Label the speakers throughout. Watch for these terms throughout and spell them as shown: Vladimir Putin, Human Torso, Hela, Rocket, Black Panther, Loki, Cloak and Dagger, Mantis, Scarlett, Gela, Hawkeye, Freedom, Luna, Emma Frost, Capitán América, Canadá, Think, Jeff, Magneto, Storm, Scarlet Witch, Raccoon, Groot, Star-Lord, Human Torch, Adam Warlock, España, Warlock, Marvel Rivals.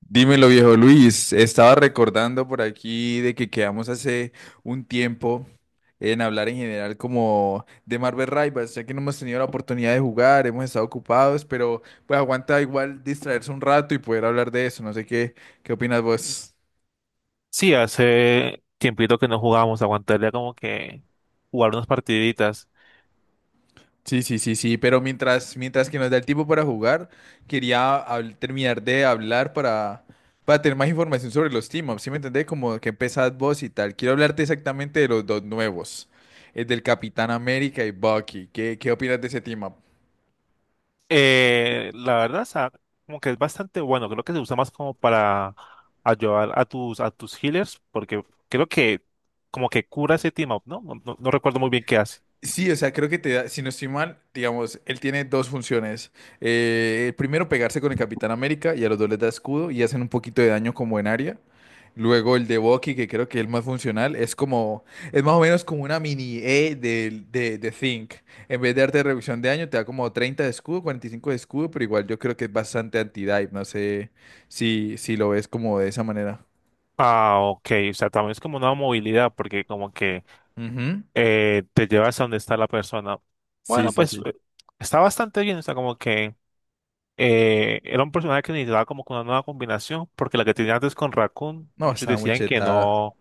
Speaker 1: Dímelo, viejo Luis. Estaba recordando por aquí de que quedamos hace un tiempo en hablar en general como de Marvel Rivals, ya que no hemos tenido la oportunidad de jugar, hemos estado ocupados, pero pues aguanta igual distraerse un rato y poder hablar de eso. No sé qué, qué opinas vos.
Speaker 2: Sí, hace tiempito que no jugábamos, aguantaría como que jugar unas partiditas.
Speaker 1: Sí, sí, sí, sí, pero mientras que nos da el tiempo para jugar, quería terminar de hablar para tener más información sobre los team-ups, ¿sí me entendés? Como que empezás vos y tal. Quiero hablarte exactamente de los dos nuevos, el del Capitán América y Bucky. Qué opinas de ese team-up?
Speaker 2: La verdad, o sea, como que es bastante bueno, creo que se usa más como para ayudar a tus healers, porque creo que como que cura ese team up, ¿no? No recuerdo muy bien qué hace.
Speaker 1: Sí, o sea, creo que te da, si no estoy mal, digamos, él tiene dos funciones. Primero, pegarse con el Capitán América y a los dos les da escudo y hacen un poquito de daño como en área. Luego el de Bucky, que creo que es el más funcional, es más o menos como una mini E de, Think. En vez de darte reducción de daño, te da como 30 de escudo, 45 de escudo, pero igual yo creo que es bastante anti-dive. No sé si lo ves como de esa manera.
Speaker 2: Ah, ok, o sea, también es como una movilidad, porque como que
Speaker 1: Ujú.
Speaker 2: te llevas a donde está la persona.
Speaker 1: Sí,
Speaker 2: Bueno,
Speaker 1: sí,
Speaker 2: pues
Speaker 1: sí.
Speaker 2: está bastante bien, o sea, como que... era un personaje que necesitaba como que una nueva combinación, porque la que tenía antes con Raccoon,
Speaker 1: No,
Speaker 2: muchos
Speaker 1: está muy
Speaker 2: decían que
Speaker 1: chetada.
Speaker 2: no,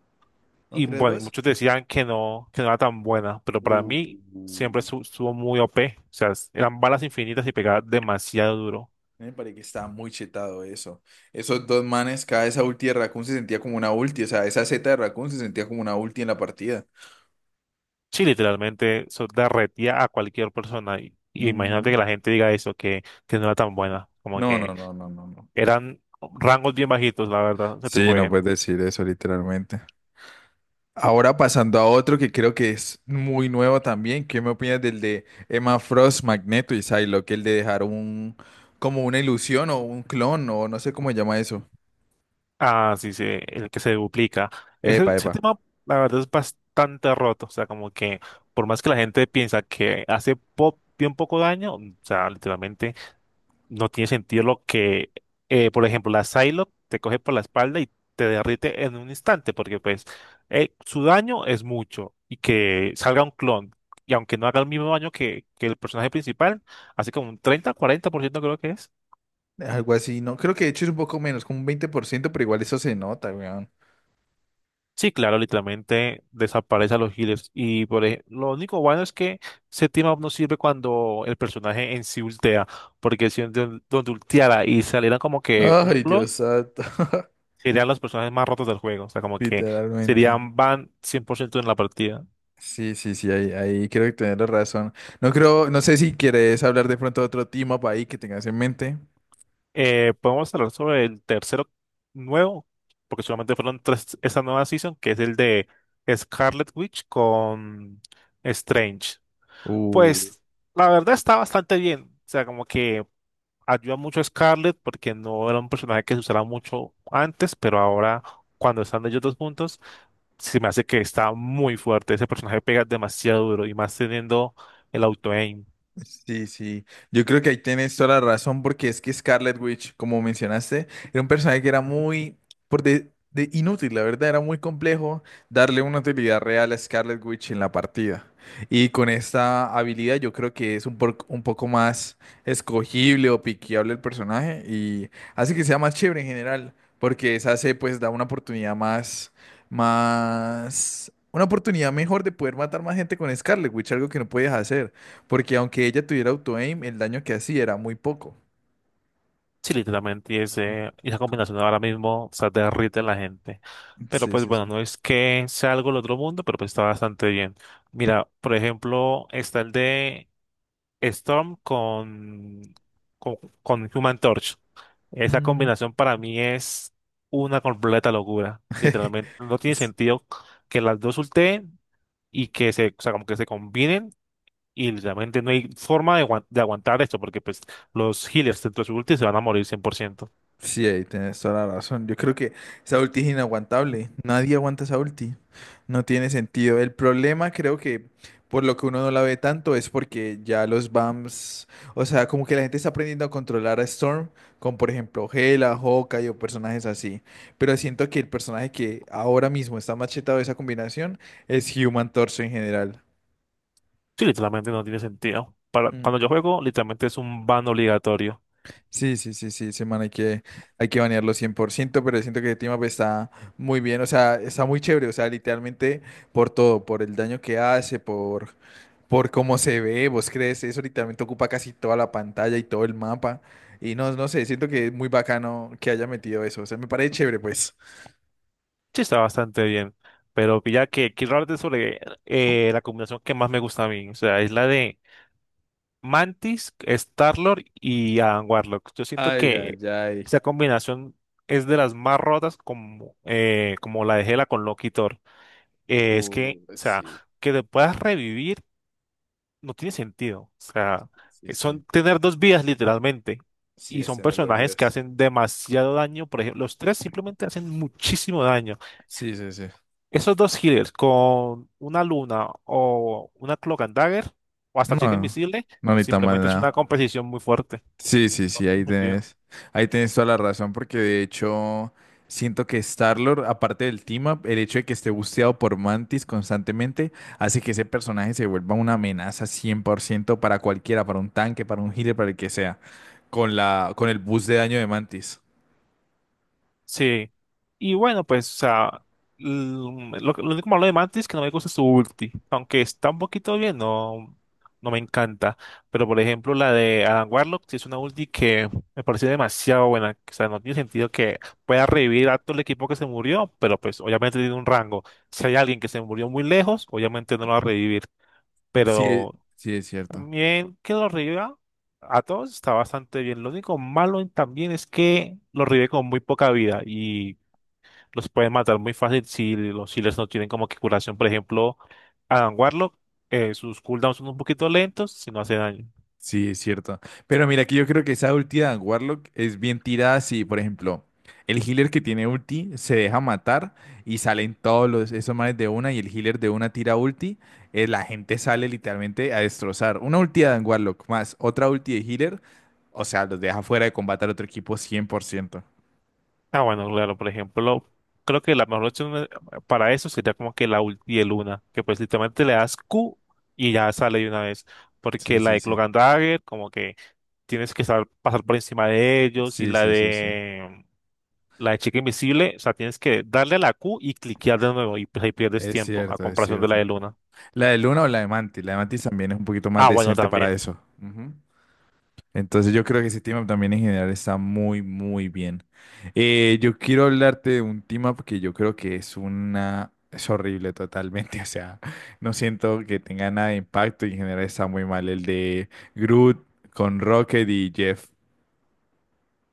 Speaker 1: ¿No
Speaker 2: y
Speaker 1: crees
Speaker 2: bueno, y
Speaker 1: vos?
Speaker 2: muchos decían que no era tan buena, pero para
Speaker 1: Uh.
Speaker 2: mí siempre estuvo muy OP, o sea, eran balas infinitas y pegaba demasiado duro.
Speaker 1: Me parece que estaba muy chetado eso. Esos dos manes, cada esa ulti de Raccoon se sentía como una ulti. O sea, esa Z de Raccoon se sentía como una ulti en la partida.
Speaker 2: Sí, literalmente eso derretía a cualquier persona. Y
Speaker 1: Ujú.
Speaker 2: imagínate que la gente diga eso, que no era tan buena. Como
Speaker 1: No, no,
Speaker 2: que
Speaker 1: no, no, no, no.
Speaker 2: eran rangos bien bajitos, la verdad, ese
Speaker 1: Sí,
Speaker 2: tipo de
Speaker 1: no puedes
Speaker 2: gente.
Speaker 1: decir eso literalmente. Ahora pasando a otro que creo que es muy nuevo también. ¿Qué me opinas del de Emma Frost, Magneto y Psylocke? El de dejar un, como una ilusión o un clon o no sé cómo se llama eso.
Speaker 2: Ah, sí, sí, el que se duplica. Ese,
Speaker 1: Epa,
Speaker 2: ese
Speaker 1: epa.
Speaker 2: tema, la verdad, es bastante roto. O sea, como que por más que la gente piensa que hace bien poco daño, o sea, literalmente no tiene sentido por ejemplo, la Psylocke te coge por la espalda y te derrite en un instante, porque pues su daño es mucho y que salga un clon. Y aunque no haga el mismo daño que el personaje principal, así como un 30, 40% creo que es.
Speaker 1: Algo así, no, creo que de hecho es un poco menos, como un 20% pero igual eso se nota, weón.
Speaker 2: Sí, claro, literalmente desaparece a los healers. Y por lo único bueno es que ese team up no sirve cuando el personaje en sí ultea. Porque si donde ulteara y saliera como que un
Speaker 1: Ay, Dios
Speaker 2: clon,
Speaker 1: santo.
Speaker 2: serían los personajes más rotos del juego. O sea, como que
Speaker 1: Literalmente.
Speaker 2: serían van 100% en la partida.
Speaker 1: Sí, sí, sí, ahí creo que tienes la razón. No creo, no sé si quieres hablar de pronto de otro team up ahí que tengas en mente.
Speaker 2: Podemos hablar sobre el tercero nuevo, porque solamente fueron tres esta nueva season, que es el de Scarlet Witch con Strange. Pues la verdad está bastante bien. O sea, como que ayuda mucho a Scarlett porque no era un personaje que se usara mucho antes, pero ahora cuando están ellos dos juntos, se me hace que está muy fuerte. Ese personaje pega demasiado duro y más teniendo el auto-aim.
Speaker 1: Sí, sí. Yo creo que ahí tienes toda la razón porque es que Scarlet Witch, como mencionaste, era un personaje que era muy por de inútil, la verdad, era muy complejo darle una utilidad real a Scarlet Witch en la partida. Y con esta habilidad yo creo que es un, un poco más escogible o piqueable el personaje y hace que sea más chévere en general, porque esa se pues da una oportunidad más, una oportunidad mejor de poder matar más gente con Scarlet Witch, algo que no podías hacer. Porque aunque ella tuviera auto-aim, el daño que hacía era muy poco.
Speaker 2: Sí, literalmente, y esa combinación ahora mismo, o sea, derrite a la gente. Pero
Speaker 1: Sí,
Speaker 2: pues
Speaker 1: sí,
Speaker 2: bueno,
Speaker 1: sí.
Speaker 2: no es que sea algo del otro mundo, pero pues está bastante bien. Mira, por ejemplo, está el de Storm con, con Human Torch. Esa
Speaker 1: Mm.
Speaker 2: combinación para mí es una completa locura. Literalmente, no tiene
Speaker 1: Es-
Speaker 2: sentido que las dos ulteen y que o sea, como que se combinen y literalmente no hay forma de aguantar esto porque pues los healers dentro de su ulti se van a morir 100%.
Speaker 1: Sí, ahí tienes toda la razón. Yo creo que esa ulti es inaguantable. Nadie aguanta esa ulti. No tiene sentido. El problema creo que por lo que uno no la ve tanto es porque ya los BAMs, o sea, como que la gente está aprendiendo a controlar a Storm con, por ejemplo, Gela, Hawkeye o personajes así. Pero siento que el personaje que ahora mismo está machetado de esa combinación es Human Torso en general.
Speaker 2: Sí, literalmente no tiene sentido. Para, cuando yo juego, literalmente es un ban obligatorio.
Speaker 1: Sí, sí, sí, sí, hay que banearlo 100% pero siento que Team Up está muy bien, o sea, está muy chévere, o sea, literalmente por todo, por el daño que hace, por cómo se ve, vos crees, eso literalmente ocupa casi toda la pantalla y todo el mapa, y no, no sé, siento que es muy bacano que haya metido eso, o sea, me parece chévere, pues.
Speaker 2: Sí, está bastante bien. Pero ya que quiero hablarte sobre la combinación que más me gusta a mí. O sea, es la de Mantis, Starlord y Adam Warlock. Yo siento
Speaker 1: Ay,
Speaker 2: que
Speaker 1: ay, ay.
Speaker 2: esa combinación es de las más rotas como, como la de Hela con Loki y Thor. Es o sea,
Speaker 1: Sí,
Speaker 2: que te puedas revivir no tiene sentido. O sea,
Speaker 1: sí, sí.
Speaker 2: son tener dos vidas literalmente.
Speaker 1: Sí,
Speaker 2: Y
Speaker 1: es
Speaker 2: son
Speaker 1: tener dos
Speaker 2: personajes que
Speaker 1: vidas.
Speaker 2: hacen demasiado daño. Por ejemplo, los tres simplemente hacen muchísimo daño.
Speaker 1: Sí, sí, sí.
Speaker 2: Esos dos healers con una luna o una cloak and dagger o hasta
Speaker 1: No,
Speaker 2: chica invisible,
Speaker 1: no necesita más
Speaker 2: simplemente es una
Speaker 1: nada.
Speaker 2: competición muy fuerte.
Speaker 1: Sí, sí, sí, ahí tenés toda la razón, porque de hecho siento que Star-Lord, aparte del team-up, el hecho de que esté busteado por Mantis constantemente hace que ese personaje se vuelva una amenaza 100% para cualquiera, para un tanque, para un healer, para el que sea, con el boost de daño de Mantis.
Speaker 2: Sí. Y bueno, pues, o sea, l- lo único malo de Mantis es que no me gusta su ulti. Aunque está un poquito bien, no, no me encanta. Pero por ejemplo, la de Adam Warlock, sí es una ulti que me parece demasiado buena. O sea, no tiene sentido que pueda revivir a todo el equipo que se murió, pero pues obviamente tiene un rango. Si hay alguien que se murió muy lejos, obviamente no lo va a revivir.
Speaker 1: Sí, es-
Speaker 2: Pero
Speaker 1: sí es cierto.
Speaker 2: también que lo reviva a todos está bastante bien. Lo único malo también es que lo revive con muy poca vida y los pueden matar muy fácil si los healers no tienen como que curación. Por ejemplo, Adam Warlock, sus cooldowns son un poquito lentos si no hace daño.
Speaker 1: Sí, es cierto. Pero mira, que yo creo que esa ulti de Warlock es bien tirada si, por ejemplo, el healer que tiene ulti se deja matar y salen todos los, esos manes de una y el healer de una tira ulti, la gente sale literalmente a destrozar. Una ulti de Warlock más otra ulti de healer, o sea, los deja fuera de combate al otro equipo 100%.
Speaker 2: Ah, bueno, claro, por ejemplo, creo que la mejor opción para eso sería como que la ulti de Luna, que pues literalmente le das Q y ya sale de una vez.
Speaker 1: Sí,
Speaker 2: Porque la
Speaker 1: sí,
Speaker 2: de
Speaker 1: sí.
Speaker 2: Cloak and Dagger, como que tienes que saber pasar por encima de ellos y
Speaker 1: Sí,
Speaker 2: la
Speaker 1: sí, sí, sí.
Speaker 2: de... La de chica invisible, o sea, tienes que darle a la Q y cliquear de nuevo y pues ahí pierdes
Speaker 1: Es
Speaker 2: tiempo a
Speaker 1: cierto, es
Speaker 2: comparación de la
Speaker 1: cierto.
Speaker 2: de Luna.
Speaker 1: La de Luna o la de Mantis. La de Mantis también es un poquito más
Speaker 2: Ah, bueno,
Speaker 1: decente
Speaker 2: también.
Speaker 1: para eso. Ujú. Entonces yo creo que ese team up también en general está muy, muy bien. Yo quiero hablarte de un team up que yo creo que es una... Es horrible totalmente, o sea, no siento que tenga nada de impacto y en general está muy mal el de Groot con Rocket y Jeff.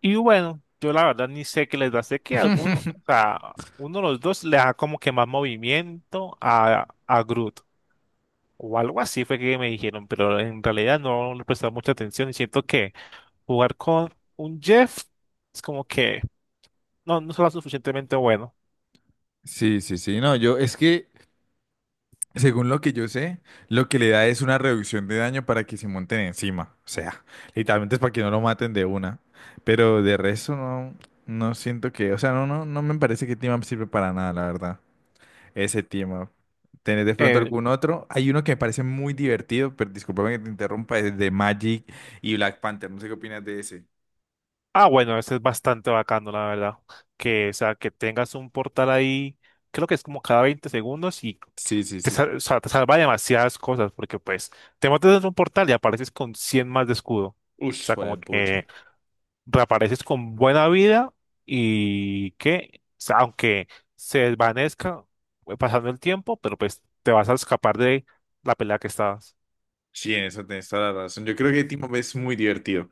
Speaker 2: Y bueno, yo la verdad ni sé qué les da. Sé que alguno, o sea, uno de los dos le da como que más movimiento a Groot. O algo así fue que me dijeron, pero en realidad no le prestaba mucha atención y siento que jugar con un Jeff es como que no, no será suficientemente bueno.
Speaker 1: Sí, sí, sí, no, yo es que Según lo que yo sé, lo que le da es una reducción de daño para que se monten encima. O sea, literalmente es para que no lo maten de una. Pero de resto no, no siento que, o sea, no, no, no me parece que team up sirve para nada, la verdad. Ese team up. ¿Tenés de pronto
Speaker 2: Eh,
Speaker 1: algún otro? Hay uno que me parece muy divertido, pero discúlpame que te interrumpa, es de Magic y Black Panther. No sé qué opinas de ese.
Speaker 2: bueno, ese es bastante bacano, la verdad. Que, o sea, que tengas un portal ahí, creo que es como cada 20 segundos y
Speaker 1: Sí, sí, sí.
Speaker 2: o sea, te salva de demasiadas cosas, porque pues te metes en un portal y apareces con 100 más de escudo. O
Speaker 1: Ush,
Speaker 2: sea, como
Speaker 1: pucha.
Speaker 2: que reapareces con buena vida y que, o sea, aunque se desvanezca pasando el tiempo, pero pues te vas a escapar de la pelea que estabas.
Speaker 1: Sí, en eso tienes toda la razón. Yo creo que Team Up es muy divertido.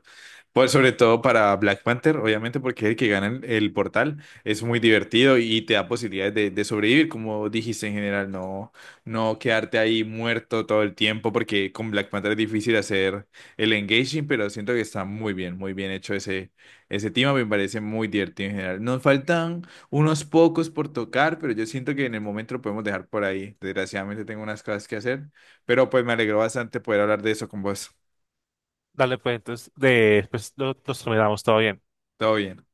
Speaker 1: Pues sobre todo para Black Panther, obviamente, porque es el que gana el portal. Es muy divertido y te da posibilidades de sobrevivir, como dijiste en general, no, no quedarte ahí muerto todo el tiempo, porque con Black Panther es difícil hacer el engaging, pero siento que está muy bien hecho ese team up, me parece muy divertido en general. Nos faltan unos pocos por tocar, pero yo siento que en el momento lo podemos dejar por ahí. Desgraciadamente tengo unas cosas que hacer. Pero pues me alegró bastante poder hablar de eso con vos.
Speaker 2: Dale, pues entonces nos terminamos todo bien.
Speaker 1: Todo bien.